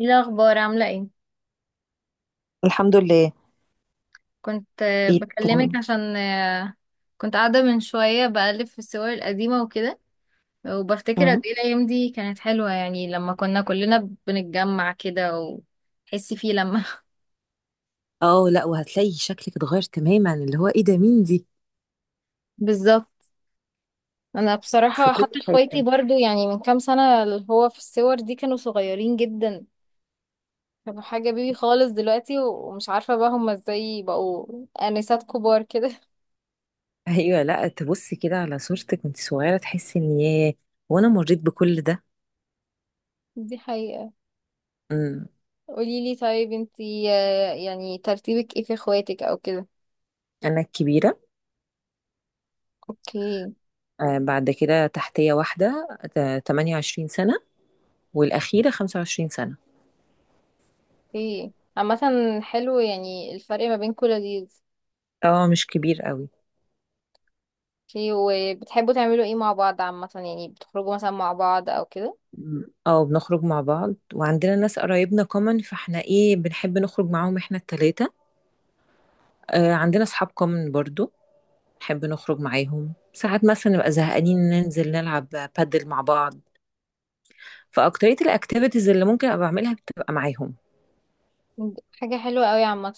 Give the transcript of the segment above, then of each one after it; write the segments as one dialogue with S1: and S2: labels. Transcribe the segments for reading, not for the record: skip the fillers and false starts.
S1: ايه الاخبار؟ عامله ايه؟
S2: الحمد لله.
S1: كنت
S2: ايه كان
S1: بكلمك عشان كنت قاعده من شويه بقلب في الصور القديمه وكده، وبفتكر قد
S2: مم.
S1: ايه الايام دي كانت حلوه، يعني لما كنا كلنا بنتجمع كده وتحسي فيه لما
S2: اه لا، وهتلاقي شكلك اتغير تماما، اللي هو ايه ده، مين دي؟
S1: بالظبط. انا
S2: في
S1: بصراحه
S2: كل
S1: حتى اخواتي
S2: حاجه.
S1: برضو، يعني من كام سنه، اللي هو في الصور دي كانوا صغيرين جدا، كانوا حاجه بيبي خالص، دلوقتي ومش عارفه بقى هما ازاي بقوا انسات كبار كده.
S2: ايوه، لا تبصي كده على صورتك وانت صغيره تحسي ان ياه، وانا مريت بكل ده.
S1: دي حقيقه.
S2: امم
S1: قوليلي طيب، انتي يعني ترتيبك ايه في اخواتك او كده؟
S2: انا الكبيره.
S1: اوكي.
S2: بعد كده تحتيه واحده، 28 سنه، والاخيره 25 سنه.
S1: اوكي. عامة حلو، يعني الفرق ما بينكوا لذيذ.
S2: اه مش كبير قوي.
S1: اوكي، وبتحبوا تعملوا ايه مع بعض عامة؟ يعني بتخرجوا مثلا مع بعض او كده؟
S2: بنخرج مع بعض، وعندنا ناس قرايبنا كومن، فاحنا بنحب نخرج معاهم احنا التلاتة. عندنا اصحاب كومن برضو، نحب نخرج معاهم ساعات، مثلا نبقى زهقانين ننزل نلعب بادل مع بعض، فاكترية الاكتيفيتيز اللي ممكن ابقى بعملها بتبقى معاهم.
S1: حاجة حلوة قوي عامة.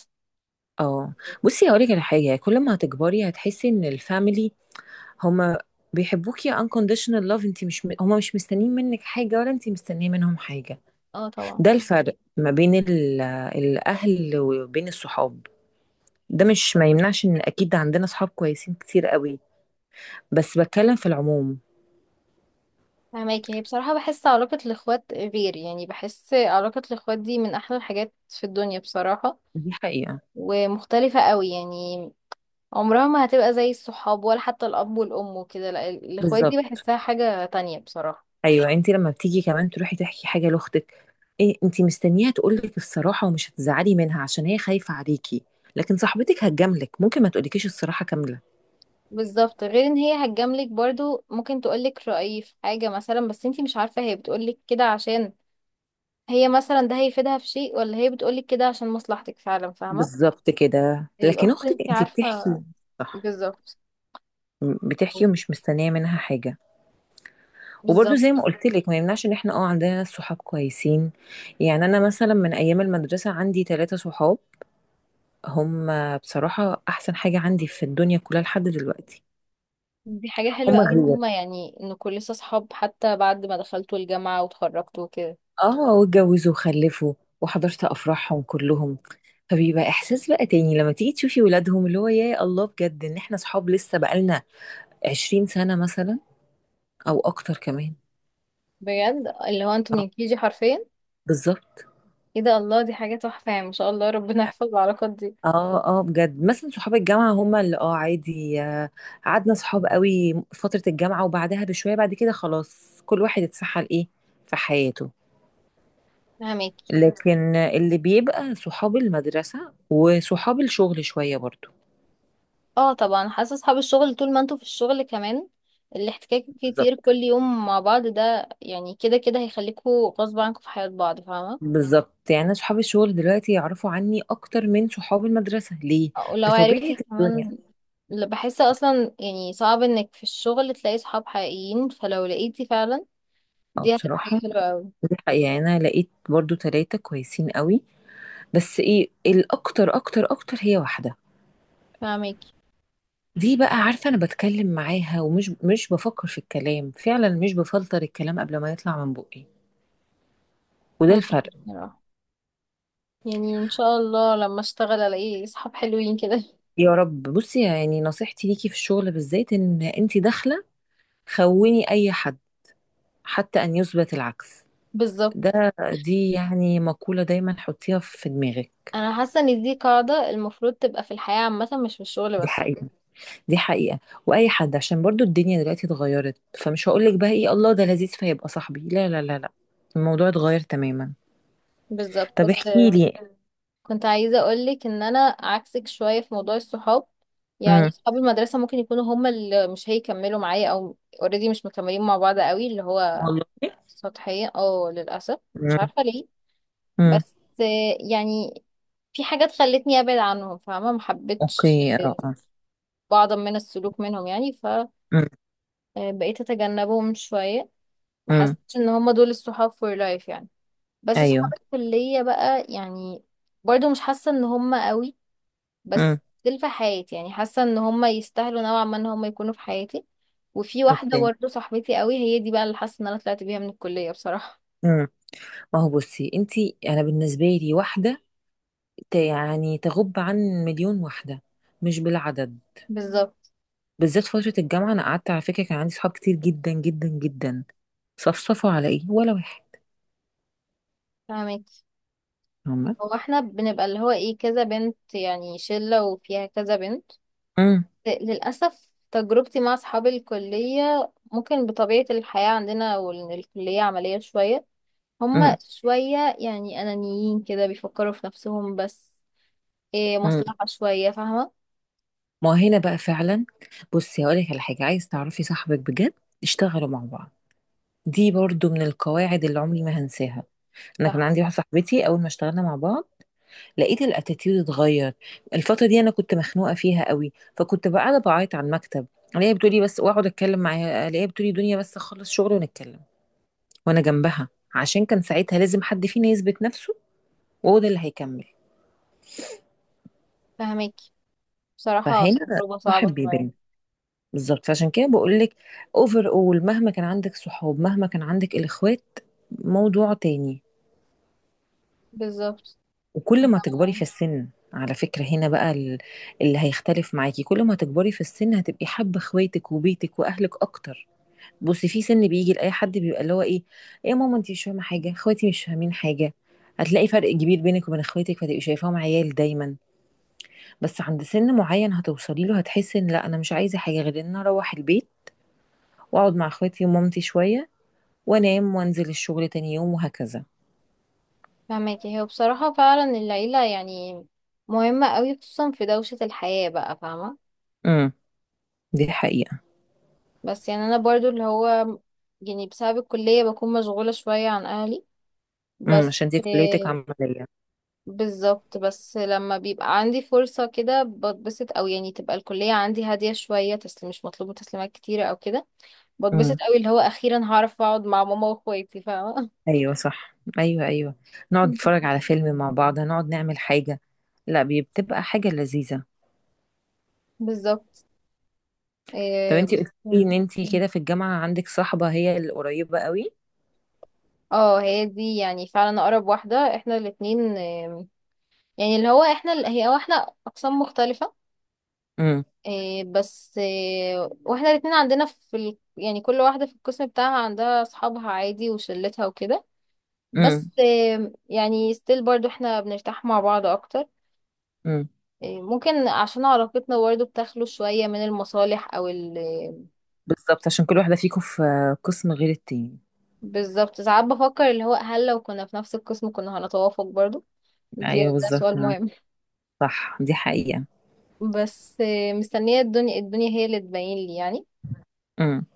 S2: اه. بصي هقولك على حاجة، كل ما هتكبري هتحسي ان الفاميلي، هما بيحبوكي unconditional love. انت مش، هما مش مستنيين منك حاجة، ولا انت مستنية منهم حاجة.
S1: اه طبعا.
S2: ده الفرق ما بين الاهل وبين الصحاب. ده مش ما يمنعش ان اكيد عندنا صحاب كويسين كتير قوي، بس بتكلم في العموم.
S1: فهماكي، هي بصراحة بحس علاقة الإخوات غير، يعني بحس علاقة الإخوات دي من أحلى الحاجات في الدنيا بصراحة.
S2: دي حقيقة.
S1: ومختلفة قوي، يعني عمرها ما هتبقى زي الصحاب، ولا حتى الاب والام وكده، لا الاخوات دي
S2: بالظبط.
S1: بحسها حاجة تانية بصراحة.
S2: ايوه، انت لما بتيجي كمان تروحي تحكي حاجه لاختك، انت مستنياها تقولك الصراحه، ومش هتزعلي منها عشان هي خايفه عليكي. لكن صاحبتك هتجاملك، ممكن ما تقولكيش الصراحه كامله.
S1: بالظبط، غير ان هي هتجاملك برضو، ممكن تقولك رأيي في حاجة مثلا، بس انتي مش عارفة هي بتقولك كده عشان هي مثلا ده هيفيدها في شيء، ولا هي بتقولك كده عشان مصلحتك فعلا، فاهمة.
S2: بالظبط كده، لكن
S1: الاخت
S2: اختك
S1: انتي
S2: انت
S1: عارفة.
S2: بتحكي. صح.
S1: بالظبط.
S2: بتحكي ومش مستنيه منها حاجه. وبرده
S1: بالظبط.
S2: زي ما قلت لك، ما يمنعش ان احنا عندنا ناس صحاب كويسين. يعني انا مثلا من ايام المدرسه عندي ثلاثه صحاب، هم بصراحه احسن حاجه عندي في الدنيا كلها لحد دلوقتي.
S1: دي حاجة حلوة
S2: هم
S1: قوي ان
S2: غير.
S1: هما، يعني ان كل لسه صحاب حتى بعد ما دخلتوا الجامعة وتخرجتوا وكده.
S2: اه، واتجوزوا وخلفوا، وحضرت افراحهم كلهم، فبيبقى احساس بقى تاني لما تيجي تشوفي ولادهم، اللي هو يا الله بجد، ان احنا صحاب لسه بقالنا 20 سنة مثلا، او اكتر كمان.
S1: بجد، اللي هو انتوا
S2: اه،
S1: من كيجي حرفيا.
S2: بالظبط.
S1: ايه ده، الله، دي حاجة تحفة يعني، ما شاء الله، ربنا يحفظ العلاقات دي.
S2: اه اه، بجد مثلا صحاب الجامعة، هما اللي عادي، قعدنا صحاب قوي فترة الجامعة، وبعدها بشوية بعد كده خلاص كل واحد اتسحل في حياته.
S1: فهماكي.
S2: لكن اللي بيبقى صحاب المدرسة وصحاب الشغل شوية برضو.
S1: اه طبعا، حاسة اصحاب الشغل طول ما انتوا في الشغل كمان، الاحتكاك كتير
S2: بالظبط.
S1: كل يوم مع بعض، ده يعني كده كده هيخليكوا غصب عنكم في حياة بعض، فاهمة.
S2: بالظبط، يعني انا صحابي الشغل دلوقتي يعرفوا عني اكتر من صحاب المدرسه، ليه؟
S1: ولو
S2: بطبيعه
S1: عرفتي
S2: الدنيا.
S1: كمان، بحس اصلا، يعني صعب انك في الشغل تلاقي صحاب حقيقيين، فلو لقيتي فعلا
S2: اه
S1: دي هتبقى حاجة
S2: بصراحه،
S1: حلوة قوي.
S2: دي حقيقة. يعني انا لقيت برضو ثلاثه كويسين قوي، بس ايه، الاكتر اكتر اكتر هي واحده.
S1: فهماكي.
S2: دي بقى عارفه، انا بتكلم معاها ومش مش بفكر في الكلام، فعلا مش بفلتر الكلام قبل ما يطلع من بقي، وده
S1: فهماكي.
S2: الفرق.
S1: بصراحة يعني ان شاء الله لما اشتغل الاقي صحاب حلوين كده.
S2: يا رب. بصي يعني نصيحتي ليكي في الشغل بالذات، ان انت داخله خوني اي حد حتى ان يثبت العكس.
S1: بالظبط.
S2: دي يعني مقولة دايما حطيها في دماغك.
S1: انا حاسه ان دي قاعده المفروض تبقى في الحياه عامه، مش في الشغل
S2: دي
S1: بس.
S2: حقيقة، دي حقيقة. وأي حد، عشان برضو الدنيا دلوقتي اتغيرت، فمش هقولك بقى إيه الله ده لذيذ فيبقى صاحبي، لا لا لا لا، الموضوع اتغير تماما.
S1: بالظبط.
S2: طب
S1: بس
S2: احكي لي.
S1: كنت عايزه اقولك ان انا عكسك شويه في موضوع الصحاب. يعني
S2: امم
S1: صحاب المدرسه ممكن يكونوا هما اللي مش هيكملوا معايا، او اوريدي مش مكملين مع بعض قوي، اللي هو
S2: والله.
S1: سطحيه اه للاسف. مش
S2: امم
S1: عارفه ليه.
S2: امم
S1: بس يعني في حاجات خلتني ابعد عنهم، فاهمه، ما حبيتش
S2: اوكي. اه اه.
S1: بعضا من السلوك منهم يعني.
S2: امم
S1: فبقيت اتجنبهم شويه. ما
S2: امم
S1: حسيتش ان هما دول الصحاب فور لايف يعني. بس اصحاب
S2: ايوه.
S1: الكلية بقى يعني، برضو مش حاسة ان هم قوي،
S2: امم
S1: بس دول في حياتي، يعني حاسة ان هم يستاهلوا نوعا ما ان هم يكونوا في حياتي. وفي واحدة
S2: اوكي.
S1: برضو صاحبتي قوي، هي دي بقى اللي حاسة ان انا طلعت بيها من الكلية بصراحة.
S2: امم ما هو بصي انتي، انا بالنسبه لي واحده، يعني تغب عن مليون واحده، مش بالعدد.
S1: بالظبط.
S2: بالذات فترة الجامعة أنا قعدت، على فكرة كان عندي صحاب كتير جدا جدا جدا، صفصفوا على إيه، ولا واحد.
S1: فاهمك.
S2: هما.
S1: هو احنا بنبقى اللي هو ايه، كذا بنت، يعني شلة وفيها كذا بنت.
S2: امم
S1: للأسف تجربتي مع اصحاب الكلية، ممكن بطبيعة الحياة عندنا والكلية عملية شوية، هما
S2: امم
S1: شوية يعني أنانيين كده، بيفكروا في نفسهم بس. إيه،
S2: امم
S1: مصلحة شوية، فاهمة.
S2: ما هنا بقى فعلا. بصي هقول لك على حاجة، عايز تعرفي صاحبك بجد؟ اشتغلوا مع بعض. دي برضو من القواعد اللي عمري ما هنساها. انا كان
S1: صح.
S2: عندي واحده صاحبتي، اول ما اشتغلنا مع بعض لقيت الاتيتيود اتغير. الفتره دي انا كنت مخنوقه فيها قوي، فكنت بقى قاعده بعيط على المكتب، الاقيها بتقولي بس، واقعد اتكلم معاها الاقيها بتقولي دنيا بس اخلص شغل ونتكلم، وانا جنبها. عشان كان ساعتها لازم حد فينا يثبت نفسه، وهو ده اللي هيكمل.
S1: فاهماكي. بصراحة
S2: فهنا
S1: تجربة
S2: صاحب
S1: صعبة شوية.
S2: بيبان. بالظبط، فعشان كده بقول لك، اوفر اول، مهما كان عندك صحاب، مهما كان عندك الاخوات موضوع تاني.
S1: بالظبط.
S2: وكل ما تكبري في
S1: أنا
S2: السن، على فكرة هنا بقى اللي هيختلف معاكي، كل ما تكبري في السن هتبقي حابة اخواتك وبيتك واهلك اكتر. بصي في سن بيجي لاي حد، بيبقى اللي هو ايه، ايه يا ماما انت مش فاهمه حاجه، اخواتي مش فاهمين حاجه، هتلاقي فرق كبير بينك وبين اخواتك، فتبقي شايفاهم عيال دايما. بس عند سن معين هتوصلي له، هتحسي ان لا، انا مش عايزه حاجه غير ان أنا اروح البيت واقعد مع اخواتي ومامتي شويه، وانام وانزل الشغل تاني يوم، وهكذا.
S1: فاهماكي. هو بصراحة فعلا العيلة يعني مهمة أوي، خصوصا في دوشة الحياة بقى، فاهمة.
S2: امم دي حقيقه.
S1: بس يعني أنا برضو اللي هو، يعني بسبب الكلية بكون مشغولة شوية عن أهلي بس.
S2: عشان دي كليتك
S1: آه،
S2: عمليه.
S1: بالظبط، بس لما بيبقى عندي فرصة كده بتبسط، أو يعني تبقى الكلية عندي هادية شوية، تسليم مش مطلوبة تسليمات كتيرة أو كده، بتبسط
S2: امم
S1: أوي، اللي هو أخيرا هعرف أقعد مع ماما وأخواتي، فاهمة.
S2: ايوه صح، ايوه ايوه، نقعد نتفرج على فيلم مع بعض، نقعد نعمل حاجه. لا، بتبقى حاجه لذيذه.
S1: بالظبط.
S2: طب
S1: إيه
S2: انتي
S1: بس.
S2: قلتي لي ان انتي كده في الجامعه عندك صاحبه، هي القريبه قوي.
S1: اه، هي دي يعني فعلا أقرب واحدة، احنا الاتنين يعني اللي هو احنا هي، هو احنا أقسام مختلفة.
S2: امم
S1: إيه بس إيه، واحنا الاتنين عندنا في ال... يعني كل واحدة في القسم بتاعها عندها أصحابها عادي، وشلتها وكده.
S2: امم
S1: بس يعني ستيل برضو احنا بنرتاح مع بعض اكتر.
S2: امم
S1: ممكن عشان علاقتنا برضو بتخلو شوية من المصالح او ال.
S2: بالظبط، عشان كل واحده فيكم في قسم غير التاني.
S1: بالظبط. ساعات بفكر اللي هو هل لو كنا في نفس القسم كنا هنتوافق برضو؟ دي
S2: ايوه
S1: ده
S2: بالظبط،
S1: سؤال مهم.
S2: صح دي حقيقة.
S1: بس مستنية الدنيا، الدنيا هي اللي تبين لي يعني.
S2: امم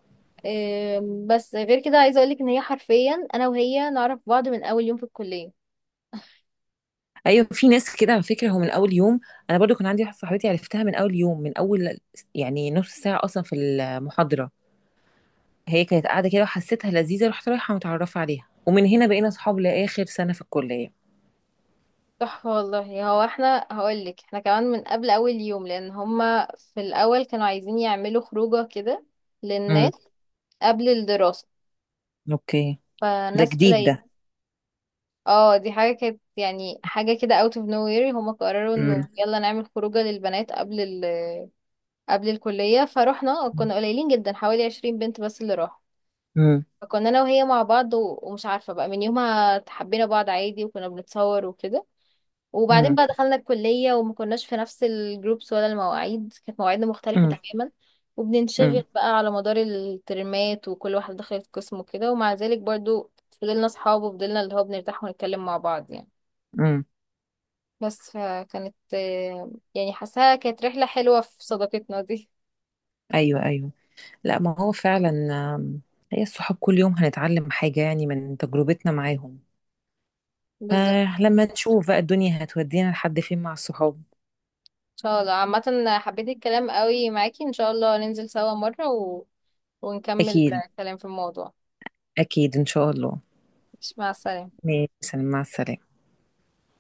S1: بس غير كده عايزة اقولك ان هي حرفيا انا وهي نعرف بعض من اول يوم في الكلية.
S2: ايوه في ناس كده على فكرة، هو من اول يوم، انا برضو كان عندي واحدة صاحبتي عرفتها من اول يوم، من اول يعني نص ساعة اصلا في المحاضرة، هي كانت قاعدة كده وحسيتها لذيذة، رحت رايحة متعرفة عليها، ومن هنا بقينا اصحاب لاخر سنة في الكلية.
S1: تحفة والله. هو احنا هقولك احنا كمان من قبل اول يوم، لان هما في الاول كانوا عايزين يعملوا خروجة كده
S2: امم
S1: للناس قبل الدراسة،
S2: اوكي. ده
S1: فناس
S2: جديد
S1: قليل.
S2: ده.
S1: اه، دي حاجة كانت يعني حاجة كده out of nowhere، هما قرروا انه
S2: امم
S1: يلا نعمل خروجة للبنات قبل ال... قبل الكلية. فروحنا كنا قليلين جدا، حوالي 20 بنت بس اللي راحوا.
S2: امم
S1: فكنا انا وهي مع بعض و... ومش عارفة بقى من يومها حبينا بعض عادي، وكنا بنتصور وكده. وبعدين بقى
S2: امم
S1: دخلنا الكلية، وما كناش في نفس الجروبس، ولا المواعيد، كانت مواعيدنا مختلفة
S2: امم
S1: تماما،
S2: امم
S1: وبننشغل بقى على مدار الترمات وكل واحد دخلت قسم وكده، ومع ذلك برضو فضلنا صحاب، وفضلنا اللي هو بنرتاح ونتكلم مع بعض يعني.
S2: امم
S1: بس فكانت يعني حاساها كانت رحلة حلوة في صداقتنا دي.
S2: ايوه ايوه. لا ما هو فعلا. آم، هي الصحاب كل يوم هنتعلم حاجة يعني من تجربتنا معاهم،
S1: بالظبط.
S2: فلما نشوف بقى الدنيا هتودينا لحد فين مع الصحاب.
S1: ان شاء الله عامة حبيت الكلام قوي معاكي، ان شاء الله ننزل سوا مرة و... ونكمل
S2: أكيد،
S1: الكلام في الموضوع.
S2: أكيد إن شاء الله.
S1: مش مع السلامة.
S2: ماشي، مع السلامة.